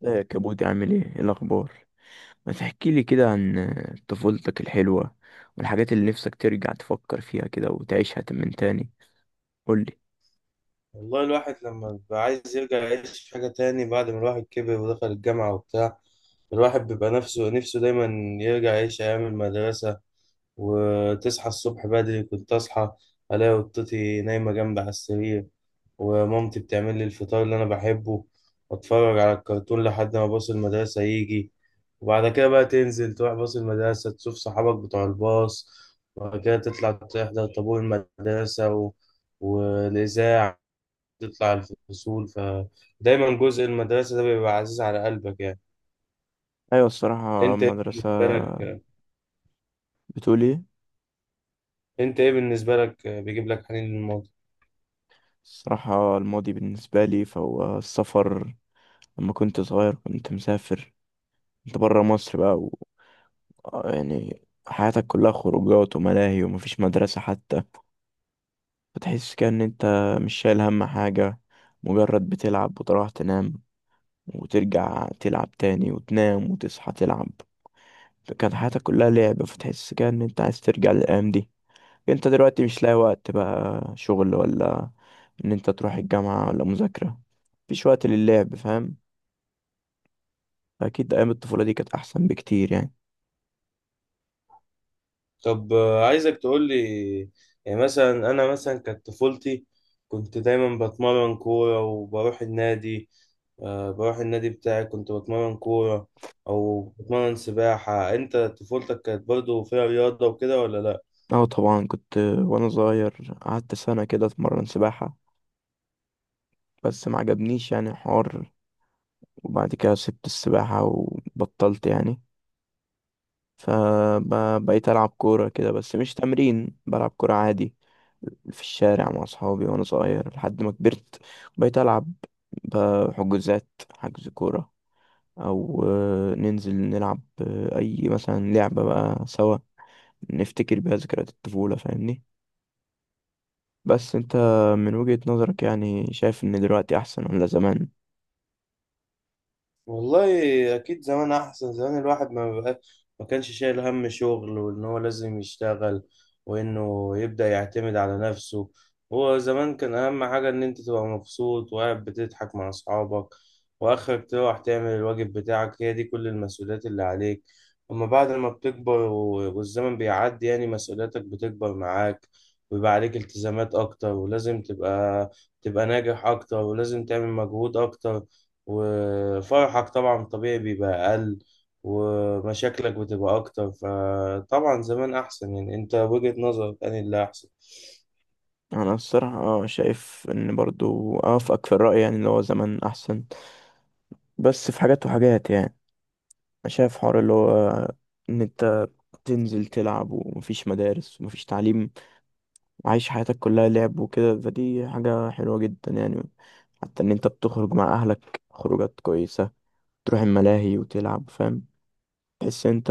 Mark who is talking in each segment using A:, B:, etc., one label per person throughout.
A: لا يا كابوتي، عامل ايه؟ إيه الاخبار؟ ما تحكي لي كده عن طفولتك الحلوه والحاجات اللي نفسك ترجع تفكر فيها كده وتعيشها من تاني. قول لي.
B: والله الواحد لما بيبقى عايز يرجع يعيش في حاجة تاني بعد ما الواحد كبر ودخل الجامعة وبتاع. الواحد بيبقى نفسه نفسه دايما يرجع يعيش أيام المدرسة. وتصحى الصبح بدري، كنت أصحى ألاقي قطتي نايمة جنبي على السرير، ومامتي بتعمل لي الفطار اللي أنا بحبه، وأتفرج على الكرتون لحد ما باص المدرسة يجي. وبعد كده بقى تنزل تروح باص المدرسة تشوف صحابك بتوع الباص. وبعد كده تطلع تحضر طابور المدرسة والإذاعة، تطلع الفصول. فدايما جزء المدرسة ده بيبقى عزيز على قلبك يعني.
A: ايوه الصراحه
B: انت ايه
A: المدرسه.
B: بالنسبة لك
A: بتقول ايه؟
B: انت ايه بالنسبة لك بيجيب لك حنين للماضي؟
A: الصراحه الماضي بالنسبه لي فهو السفر. لما كنت صغير كنت مسافر، كنت بره مصر بقى و... آه يعني حياتك كلها خروجات وملاهي ومفيش مدرسه حتى، فتحس كأن انت مش شايل هم حاجه، مجرد بتلعب وتروح تنام وترجع تلعب تاني وتنام وتصحى تلعب. فكانت حياتك كلها لعب، فتحس كده ان انت عايز ترجع للايام دي. انت دلوقتي مش لاقي وقت بقى، شغل ولا ان انت تروح الجامعة ولا مذاكرة، مفيش وقت للعب، فاهم. اكيد ايام الطفولة دي كانت احسن بكتير يعني.
B: طب، عايزك تقول لي. يعني مثلا انا مثلا كانت طفولتي كنت دايما بتمرن كورة وبروح النادي. بروح النادي بتاعي كنت بتمرن كورة او بتمرن سباحة. انت طفولتك كانت برضو فيها رياضة وكده ولا لا؟
A: اه طبعا، كنت وانا صغير قعدت سنة كده اتمرن سباحة، بس ما عجبنيش يعني الحوار. وبعد كده سبت السباحة وبطلت يعني. فبقيت ألعب كورة كده، بس مش تمرين، بلعب كورة عادي في الشارع مع أصحابي وأنا صغير. لحد ما كبرت بقيت ألعب بحجوزات، حجز كورة، أو ننزل نلعب، أي مثلا لعبة بقى سوا نفتكر بيها ذكريات الطفولة، فاهمني. بس أنت من وجهة نظرك يعني شايف إن دلوقتي أحسن ولا زمان؟
B: والله اكيد زمان احسن. زمان الواحد ما بقى ما كانش شايل هم شغل وان هو لازم يشتغل وانه يبدأ يعتمد على نفسه. هو زمان كان اهم حاجة ان انت تبقى مبسوط وقاعد بتضحك مع اصحابك، واخرك تروح تعمل الواجب بتاعك. هي دي كل المسؤوليات اللي عليك. اما بعد ما بتكبر والزمن بيعدي يعني مسؤولياتك بتكبر معاك، ويبقى عليك التزامات اكتر ولازم تبقى ناجح اكتر ولازم تعمل مجهود اكتر. وفرحك طبعا طبيعي بيبقى أقل، ومشاكلك بتبقى أكتر. فطبعا زمان أحسن يعني. أنت وجهة نظرك أنا اللي أحسن؟
A: أنا الصراحة شايف إن برضو أوافقك في الرأي، يعني اللي هو زمان أحسن. بس في حاجات وحاجات يعني، أنا شايف حوار اللي هو إن أنت تنزل تلعب ومفيش مدارس ومفيش تعليم، عايش حياتك كلها لعب وكده، فدي حاجة حلوة جدا يعني. حتى ان انت بتخرج مع اهلك خروجات كويسة، تروح الملاهي وتلعب، فاهم. تحس ان انت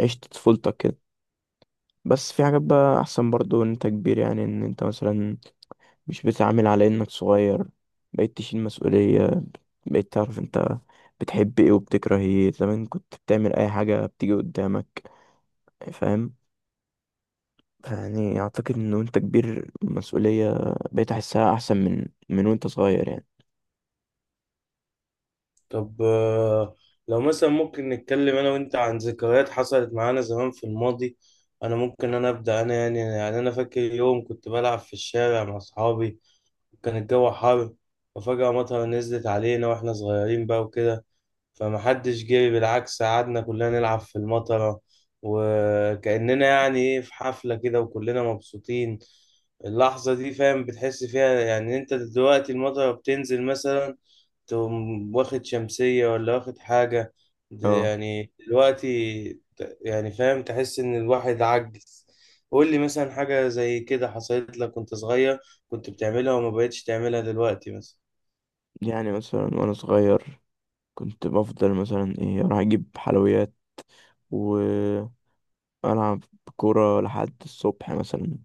A: عشت طفولتك كده. بس في حاجات بقى احسن برضو ان انت كبير، يعني ان انت مثلا مش بتتعامل على انك صغير، بقيت تشيل مسؤولية، بقيت تعرف انت بتحب ايه وبتكره ايه، زمان كنت بتعمل اي حاجة بتيجي قدامك، فاهم. يعني اعتقد ان وانت كبير المسؤولية بقيت احسها احسن من وانت صغير يعني.
B: طب، لو مثلا ممكن نتكلم أنا وأنت عن ذكريات حصلت معانا زمان في الماضي. أنا ممكن أنا أبدأ. أنا يعني أنا فاكر يوم كنت بلعب في الشارع مع أصحابي. كان الجو حر، وفجأة مطر نزلت علينا وإحنا صغيرين بقى وكده. فمحدش جاي، بالعكس قعدنا كلنا نلعب في المطرة، وكأننا يعني ايه في حفلة كده وكلنا مبسوطين. اللحظة دي فاهم بتحس فيها. يعني انت دلوقتي المطرة بتنزل مثلا، تقوم واخد شمسية ولا واخد حاجة. ده
A: اه،
B: يعني دلوقتي. يعني فاهم تحس ان الواحد عجز. قول لي مثلا حاجة زي كده حصلت لك وانت صغير، كنت بتعملها وما بقتش تعملها دلوقتي مثلا.
A: يعني مثلا وانا صغير كنت بفضل مثلا ايه اروح اجيب حلويات والعب كورة لحد الصبح مثلا.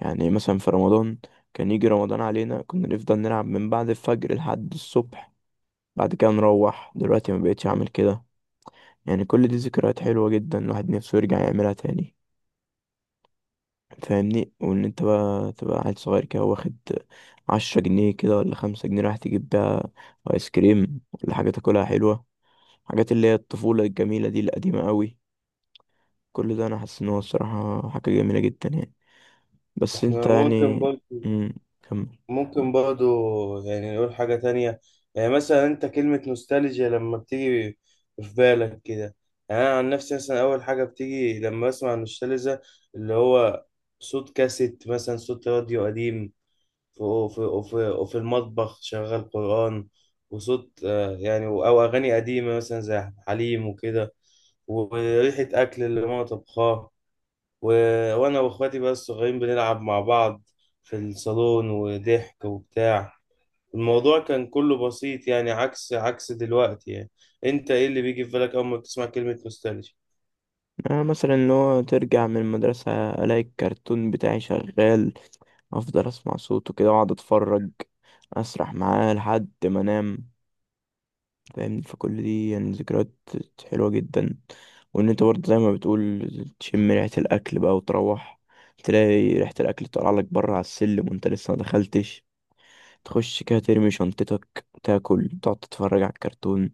A: يعني مثلا في رمضان، كان يجي رمضان علينا كنا نفضل نلعب من بعد الفجر لحد الصبح، بعد كده نروح. دلوقتي ما بقتش اعمل كده. يعني كل دي ذكريات حلوة جدا، الواحد نفسه يرجع يعملها تاني، فاهمني. وان انت بقى تبقى عيل صغير كده واخد 10 جنيه كده ولا 5 جنيه رايح تجيب بيها ايس كريم ولا حاجة تاكلها حلوة، حاجات اللي هي الطفولة الجميلة دي القديمة قوي. كل ده أنا حاسس إن هو الصراحة حاجة جميلة جدا يعني. بس أنت
B: احنا
A: يعني. مم. كمل.
B: ممكن برضو يعني نقول حاجة تانية. يعني مثلا أنت كلمة نوستالجيا لما بتيجي في بالك كده؟ يعني أنا عن نفسي مثلا أول حاجة بتيجي لما بسمع نوستالجيا اللي هو صوت كاسيت مثلا، صوت راديو قديم في وفي وفي وفي المطبخ شغال قرآن، وصوت يعني أو أغاني قديمة مثلا زي حليم وكده، وريحة أكل اللي ماما طبخاه، و... وانا واخواتي بقى الصغيرين بنلعب مع بعض في الصالون، وضحك وبتاع. الموضوع كان كله بسيط يعني، عكس دلوقتي يعني. انت ايه اللي بيجي في بالك اول ما بتسمع كلمة نوستالجيا؟
A: أنا مثلا إن هو ترجع من المدرسة ألاقي الكرتون بتاعي شغال، أفضل أسمع صوته كده وأقعد أتفرج، أسرح معاه لحد ما أنام، فاهمني. فكل دي يعني ذكريات حلوة جدا. وإن أنت برضه زي ما بتقول تشم ريحة الأكل بقى وتروح تلاقي ريحة الأكل طالعة لك بره على السلم وأنت لسه ما دخلتش، تخش كده ترمي شنطتك تاكل تقعد تتفرج على الكرتون،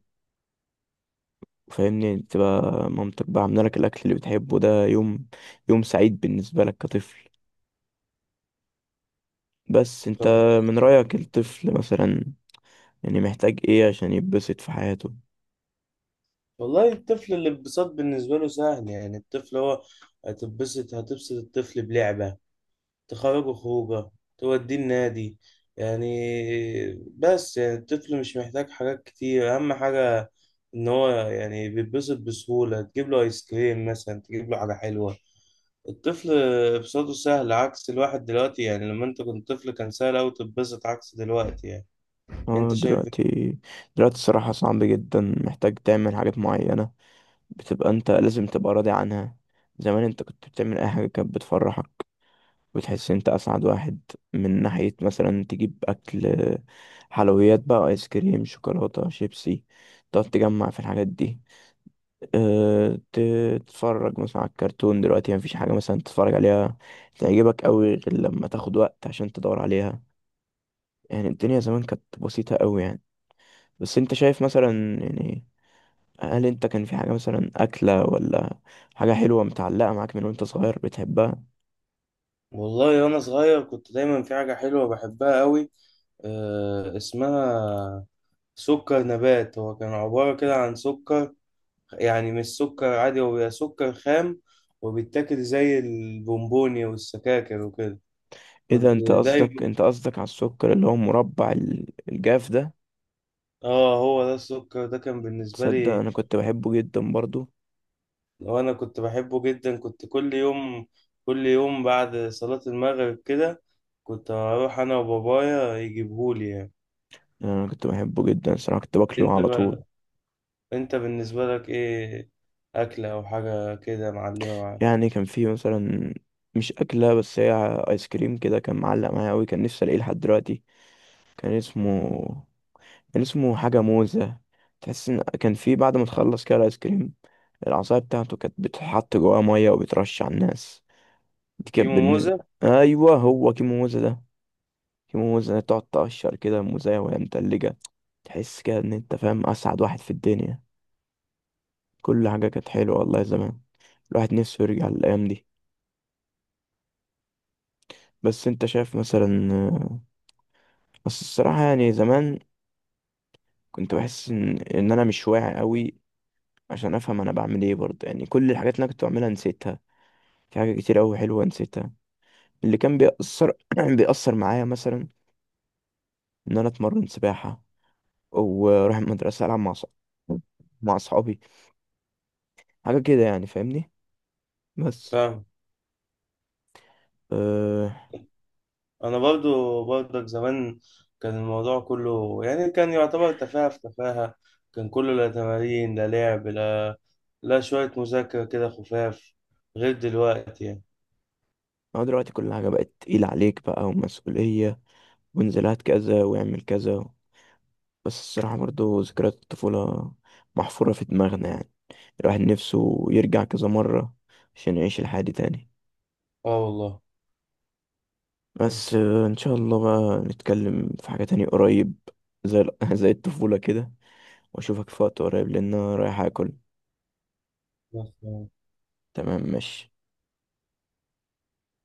A: فاهمني. تبقى مامتك بقى عامله لك الاكل اللي بتحبه، ده يوم، يوم سعيد بالنسبه لك كطفل. بس انت
B: طب،
A: من رايك الطفل مثلا يعني محتاج ايه عشان يتبسط في حياته؟
B: والله الطفل الانبساط بالنسبة له سهل. يعني الطفل هو هتبسط. الطفل بلعبة تخرجه، خروجه توديه النادي يعني. بس يعني الطفل مش محتاج حاجات كتير. أهم حاجة إن هو يعني بيتبسط بسهولة، تجيب له آيس كريم مثلا، تجيب له حاجة حلوة. الطفل إبساطه سهل عكس الواحد دلوقتي يعني. لما أنت كنت طفل كان سهل أوي تتبسط عكس دلوقتي يعني.
A: اه
B: أنت شايف
A: دلوقتي
B: إيه؟
A: دلوقتي الصراحه صعب جدا، محتاج تعمل حاجات معينه بتبقى انت لازم تبقى راضي عنها. زمان انت كنت بتعمل اي حاجه كانت بتفرحك وتحس انت اسعد واحد، من ناحية مثلا تجيب اكل، حلويات بقى، ايس كريم، شوكولاتة، شيبسي، تقعد تجمع في الحاجات دي. أه ت- تتفرج مثلا على الكرتون. دلوقتي مفيش حاجة مثلا تتفرج عليها تعجبك قوي غير لما تاخد وقت عشان تدور عليها. يعني الدنيا زمان كانت بسيطة قوي يعني. بس انت شايف مثلا يعني، هل انت كان في حاجة مثلا أكلة ولا حاجة حلوة متعلقة معاك من وانت صغير بتحبها؟
B: والله وأنا صغير كنت دايما في حاجة حلوة بحبها أوي. اسمها سكر نبات. هو كان عبارة كده عن سكر، يعني مش سكر عادي، هو بيبقى سكر خام، وبيتاكل زي البونبوني والسكاكر وكده.
A: اذا
B: كنت
A: انت قصدك
B: دايما.
A: انت قصدك على السكر اللي هو مربع الجاف ده؟
B: اه هو ده السكر ده كان بالنسبة
A: تصدق
B: لي.
A: انا كنت بحبه جدا برضو.
B: وانا كنت بحبه جدا، كنت كل يوم، كل يوم بعد صلاة المغرب كده كنت اروح انا وبابايا يجيبهولي يعني.
A: يعني انا كنت بحبه جدا صراحة، كنت باكله
B: انت
A: على طول.
B: بقى، انت بالنسبة لك ايه، اكلة او حاجة كده معلمة معاك؟
A: يعني كان فيه مثلا مش اكلة، بس هي ايس كريم كده، كان معلق معايا قوي، كان نفسي الاقيه لحد دلوقتي. كان اسمه كان اسمه حاجة موزة. تحس ان كان فيه بعد ما تخلص كده الايس كريم، العصاية بتاعته كانت بتتحط جواها مية وبترش على الناس. دي كانت
B: كيمو
A: بالن-
B: موزة
A: ايوه هو كيمو موزة ده، في موزة تقعد تقشر كده موزاية وهي متلجة، تحس كده إن أنت فاهم أسعد واحد في الدنيا. كل حاجة كانت حلوة، والله زمان الواحد نفسه يرجع للأيام دي. بس أنت شايف مثلا بس الصراحة يعني، زمان كنت بحس إن أنا مش واعي أوي عشان أفهم أنا بعمل إيه برضه. يعني كل الحاجات اللي أنا كنت بعملها نسيتها، في حاجة كتير أوي حلوة نسيتها. اللي كان بيأثر بيأثر معايا مثلا إن أنا أتمرن سباحة وأروح المدرسة ألعب مع مع أصحابي، حاجة كده يعني فاهمني. بس،
B: فاهم.
A: أه.
B: انا برضو برضك زمان كان الموضوع كله يعني، كان يعتبر تفاهة في تفاهة. كان كله لا تمارين لا لعب لا شوية مذاكرة كده خفاف، غير دلوقتي يعني.
A: أنا دلوقتي كل حاجة بقت تقيلة عليك بقى ومسؤولية، وانزلات كذا واعمل كذا. بس الصراحة برضو ذكريات الطفولة محفورة في دماغنا يعني، الواحد نفسه يرجع كذا مرة عشان يعيش الحياة دي تاني.
B: اه والله.
A: بس إن شاء الله بقى نتكلم في حاجة تانية قريب زي زي الطفولة كده، وأشوفك في وقت قريب، لأن أنا رايح أكل.
B: بس يعني.
A: تمام ماشي.